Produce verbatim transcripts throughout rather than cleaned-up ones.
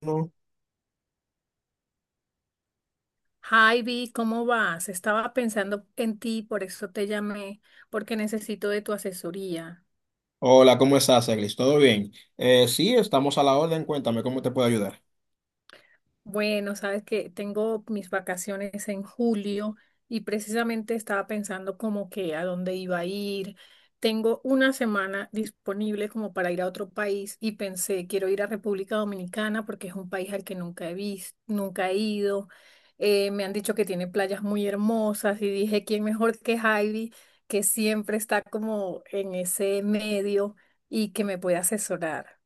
No. Hi, Vi, ¿cómo vas? Estaba pensando en ti, por eso te llamé, porque necesito de tu asesoría. Hola, ¿cómo estás, Eglis? ¿Todo bien? Eh, sí, estamos a la orden. Cuéntame cómo te puedo ayudar. Bueno, sabes que tengo mis vacaciones en julio y precisamente estaba pensando como que a dónde iba a ir. Tengo una semana disponible como para ir a otro país y pensé, quiero ir a República Dominicana porque es un país al que nunca he visto, nunca he ido. Eh, me han dicho que tiene playas muy hermosas y dije, ¿quién mejor que Heidi, que siempre está como en ese medio y que me puede asesorar?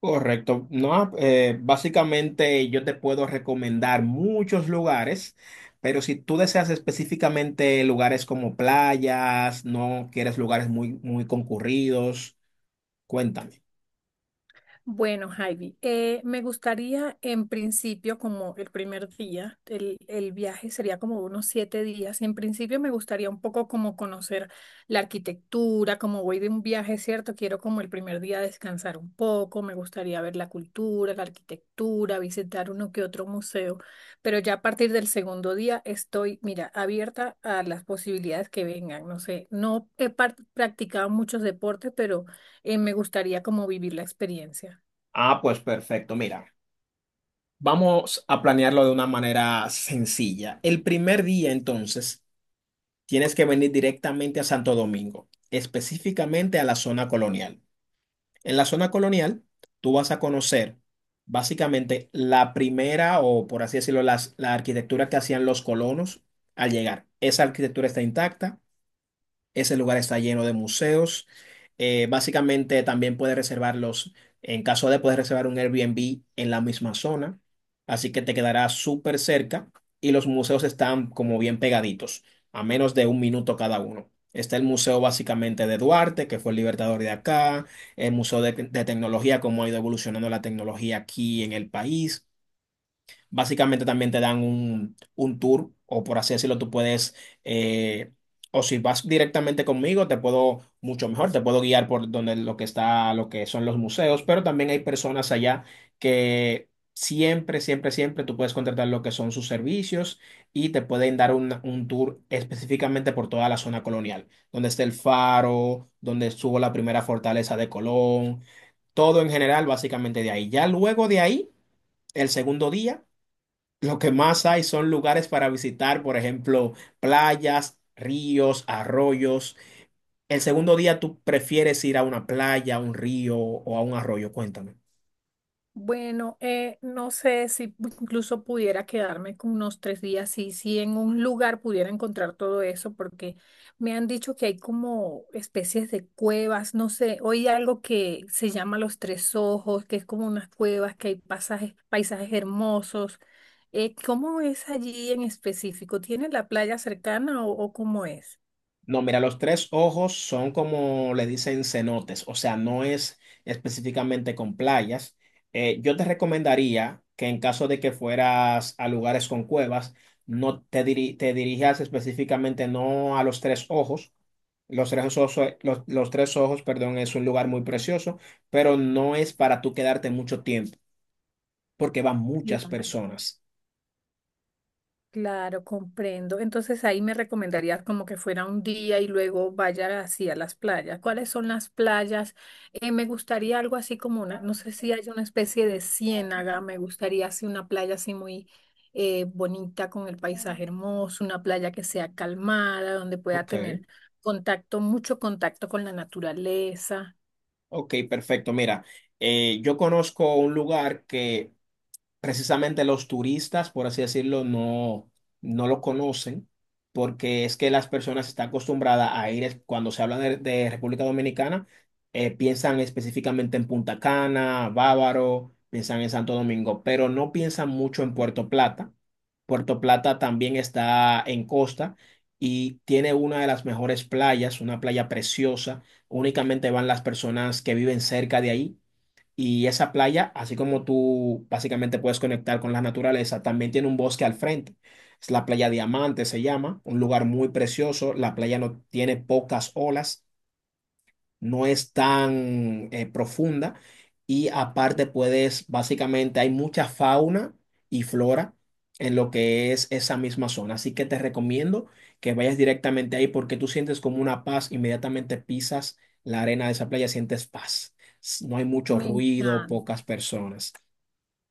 Correcto. No, eh, básicamente yo te puedo recomendar muchos lugares, pero si tú deseas específicamente lugares como playas, no quieres lugares muy, muy concurridos, cuéntame. Bueno, Javi, eh, me gustaría en principio, como el primer día, el, el viaje sería como unos siete días. En principio me gustaría un poco como conocer la arquitectura, como voy de un viaje, ¿cierto? Quiero como el primer día descansar un poco, me gustaría ver la cultura, la arquitectura, visitar uno que otro museo, pero ya a partir del segundo día estoy, mira, abierta a las posibilidades que vengan. No sé, no he par- practicado muchos deportes, pero eh, me gustaría como vivir la experiencia. Ah, pues perfecto. Mira, vamos a planearlo de una manera sencilla. El primer día, entonces, tienes que venir directamente a Santo Domingo, específicamente a la zona colonial. En la zona colonial, tú vas a conocer básicamente la primera o, por así decirlo, las- la arquitectura que hacían los colonos al llegar. Esa arquitectura está intacta. Ese lugar está lleno de museos. Eh, básicamente también puedes reservarlos, en caso de poder reservar un Airbnb en la misma zona, así que te quedará súper cerca y los museos están como bien pegaditos, a menos de un minuto cada uno. Está el museo básicamente de Duarte, que fue el libertador de acá, el museo de, de tecnología, cómo ha ido evolucionando la tecnología aquí en el país. Básicamente también te dan un, un tour, o por así decirlo, tú puedes, eh, o si vas directamente conmigo, te puedo mucho mejor, te puedo guiar por donde lo que está, lo que son los museos, pero también hay personas allá que siempre, siempre, siempre tú puedes contratar lo que son sus servicios y te pueden dar un, un tour específicamente por toda la zona colonial, donde está el faro, donde estuvo la primera fortaleza de Colón, todo en general, básicamente de ahí. Ya luego de ahí, el segundo día. Lo que más hay son lugares para visitar, por ejemplo, playas, ríos, arroyos. El segundo día tú prefieres ir a una playa, a un río o a un arroyo, cuéntame. Bueno, eh, no sé si incluso pudiera quedarme con unos tres días y si en un lugar pudiera encontrar todo eso, porque me han dicho que hay como especies de cuevas, no sé, hoy hay algo que se llama Los Tres Ojos, que es como unas cuevas, que hay pasajes, paisajes hermosos. Eh, ¿cómo es allí en específico? ¿Tiene la playa cercana o, o cómo es? No, mira, los tres ojos son como le dicen cenotes, o sea, no es específicamente con playas. Eh, yo te recomendaría que en caso de que fueras a lugares con cuevas, no te, diri- te dirijas específicamente no a los tres ojos. Los tres ojos, los, los tres ojos, perdón, es un lugar muy precioso, pero no es para tú quedarte mucho tiempo, porque van muchas Claro. personas. Claro, comprendo. Entonces ahí me recomendarías como que fuera un día y luego vaya hacia las playas. ¿Cuáles son las playas? Eh, me gustaría algo así como una, no sé si hay una especie de ciénaga, me gustaría así una playa así muy eh, bonita con el paisaje hermoso, una playa que sea calmada, donde pueda Ok, tener contacto, mucho contacto con la naturaleza. ok, perfecto. Mira, eh, yo conozco un lugar que precisamente los turistas, por así decirlo, no, no lo conocen, porque es que las personas están acostumbradas a ir, es- cuando se habla de, de República Dominicana, eh, piensan específicamente en Punta Cana, Bávaro, piensan en Santo Domingo, pero no piensan mucho en Puerto Plata. Puerto Plata también está en costa y tiene una de las mejores playas, una playa preciosa. Únicamente van las personas que viven cerca de ahí y esa playa, así como tú básicamente puedes conectar con la naturaleza, también tiene un bosque al frente. Es la playa Diamante, se llama, un lugar muy precioso. La playa no tiene pocas olas, no es tan eh, profunda y aparte puedes, básicamente hay mucha fauna y flora en lo que es esa misma zona. Así que te recomiendo que vayas directamente ahí porque tú sientes como una paz, inmediatamente pisas la arena de esa playa, sientes paz. S- No hay mucho Me ruido, pocas encanta. personas.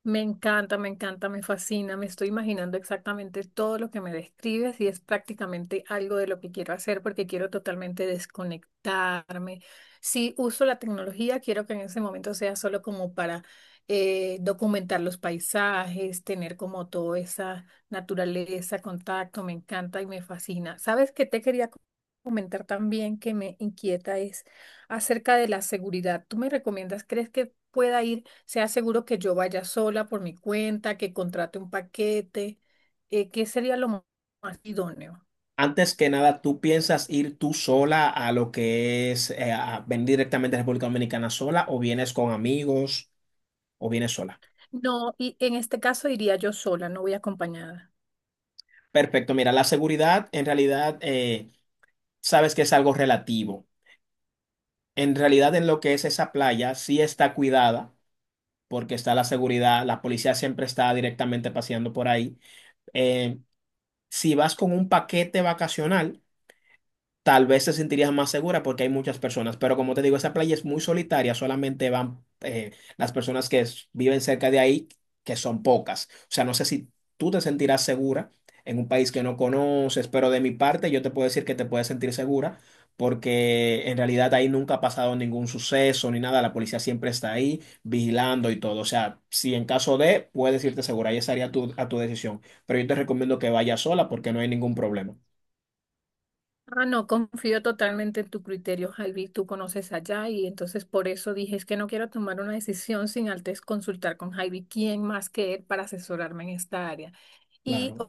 Me encanta, me encanta, me fascina, me estoy imaginando exactamente todo lo que me describes y es prácticamente algo de lo que quiero hacer porque quiero totalmente desconectarme. Si uso la tecnología, quiero que en ese momento sea solo como para eh, documentar los paisajes, tener como toda esa naturaleza, contacto, me encanta y me fascina. ¿Sabes qué te quería co- comentar también que me inquieta es acerca de la seguridad? ¿Tú me recomiendas, crees que pueda ir? Sea seguro que yo vaya sola por mi cuenta, que contrate un paquete, eh, ¿qué sería lo mo- más idóneo? Antes que nada, ¿tú piensas ir tú sola a lo que es eh, a venir directamente a República Dominicana sola o vienes con amigos o vienes sola? No, y en este caso iría yo sola, no voy acompañada. Perfecto, mira, la seguridad en realidad eh, sabes que es algo relativo. En realidad en lo que es esa playa sí está cuidada porque está la seguridad, la policía siempre está directamente paseando por ahí. Eh, si vas con un paquete vacacional, tal vez te sentirías más segura porque hay muchas personas, pero como te digo, esa playa es muy solitaria, solamente van eh, las personas que s- viven cerca de ahí, que son pocas. O sea, no sé si tú te sentirás segura en un país que no conoces, pero de mi parte yo te puedo decir que te puedes sentir segura porque en realidad ahí nunca ha pasado ningún suceso ni nada, la policía siempre está ahí vigilando y todo. O sea, si en caso de, puedes irte segura, ahí estaría tu- a tu decisión, pero yo te recomiendo que vayas sola porque no hay ningún problema. Ah, no, confío totalmente en tu criterio, Javi, tú conoces allá y entonces por eso dije, es que no quiero tomar una decisión sin antes consultar con Javi, quién más que él para asesorarme en esta área. Y Claro.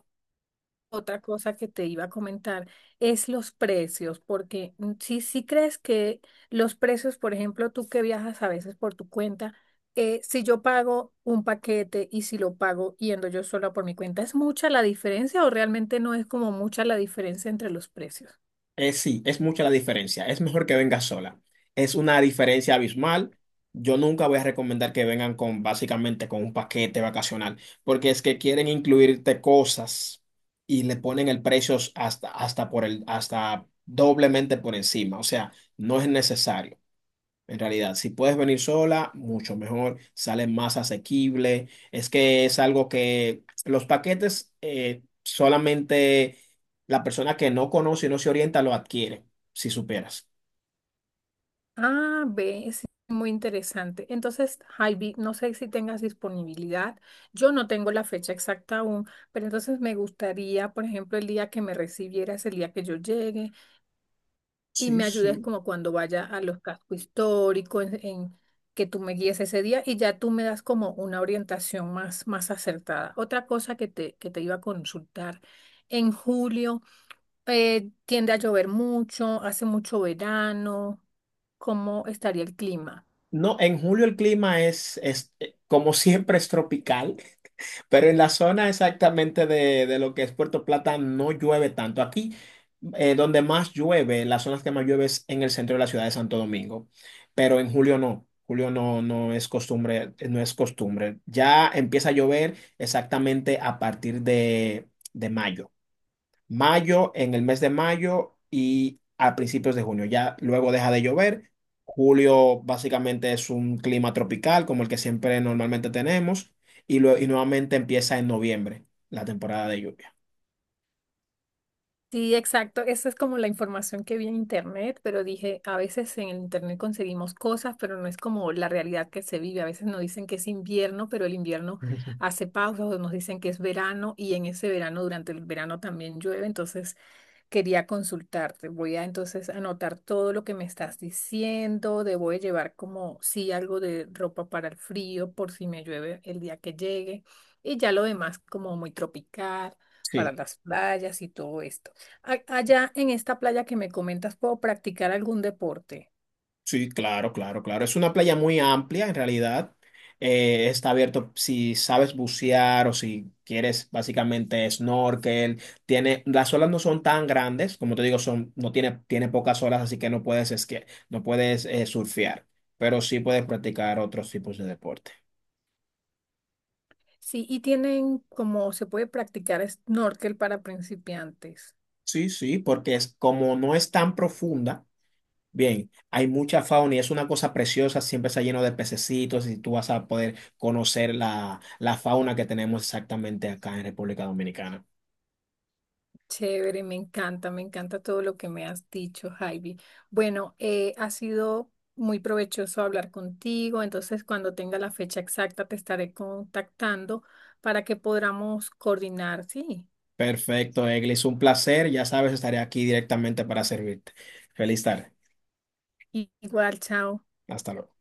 otra cosa que te iba a comentar es los precios, porque mm, si, si crees que los precios, por ejemplo, tú que viajas a veces por tu cuenta, eh, si yo pago un paquete y si lo pago yendo yo sola por mi cuenta, ¿es mucha la diferencia o realmente no es como mucha la diferencia entre los precios? Eh, sí, es mucha la diferencia. Es mejor que venga sola. Es una diferencia abismal. Yo nunca voy a recomendar que vengan con básicamente con un paquete vacacional, porque es que quieren incluirte cosas y le ponen el precio hasta, hasta por el, hasta doblemente por encima. O sea, no es necesario. En realidad, si puedes venir sola, mucho mejor, sale más asequible. Es que es algo que los paquetes eh, solamente la persona que no conoce y no se orienta lo adquiere, si superas. Ah, ve, es muy interesante. Entonces, Javi, no sé si tengas disponibilidad. Yo no tengo la fecha exacta aún, pero entonces me gustaría, por ejemplo, el día que me recibieras, el día que yo llegue. Y Sí, me ayudes sí. como cuando vaya a los cascos históricos, en, en que tú me guíes ese día y ya tú me das como una orientación más, más acertada. Otra cosa que te, que te iba a consultar, en julio eh, tiende a llover mucho, hace mucho verano, ¿cómo estaría el clima? No, en julio el clima es, es eh, como siempre, es tropical. Pero en la zona exactamente de, de lo que es Puerto Plata no llueve tanto. Aquí, eh, donde más llueve, las zonas que más llueve es en el centro de la ciudad de Santo Domingo. Pero en julio no. Julio no, no es costumbre, no es costumbre. Ya empieza a llover exactamente a partir de, de mayo, mayo, en el mes de mayo y a principios de junio. Ya luego deja de llover. Julio básicamente es un clima tropical como el que siempre normalmente tenemos y, lue- y nuevamente empieza en noviembre la temporada de lluvia. Sí, exacto. Esa es como la información que vi en internet, pero dije, a veces en el internet conseguimos cosas, pero no es como la realidad que se vive. A veces nos dicen que es invierno, pero el invierno hace pausas, o nos dicen que es verano y en ese verano, durante el verano también llueve. Entonces quería consultarte. Voy a entonces anotar todo lo que me estás diciendo. Debo de llevar como sí algo de ropa para el frío por si me llueve el día que llegue. Y ya lo demás como muy tropical para Sí. las playas y todo esto. A- Allá en esta playa que me comentas, ¿puedo practicar algún deporte? Sí, claro, claro, claro. Es una playa muy amplia en realidad. Eh, está abierto si sabes bucear o si quieres básicamente snorkel. Tiene, las olas no son tan grandes, como te digo, son, no tiene, tiene pocas olas, así que no puedes esquiar, no puedes eh, surfear, pero sí puedes practicar otros tipos de deporte. Sí, y tienen como se puede practicar snorkel para principiantes. Sí, sí, porque es como no es tan profunda. Bien, hay mucha fauna y es una cosa preciosa, siempre está lleno de pececitos y tú vas a poder conocer la, la fauna que tenemos exactamente acá en República Dominicana. Chévere, me encanta, me encanta todo lo que me has dicho, Javi. Bueno, eh, ha sido muy provechoso hablar contigo, entonces cuando tenga la fecha exacta te estaré contactando para que podamos coordinar, sí. Perfecto, Eglis, un placer, ya sabes, estaré aquí directamente para servirte. Feliz tarde, I- Igual, chao. hasta luego.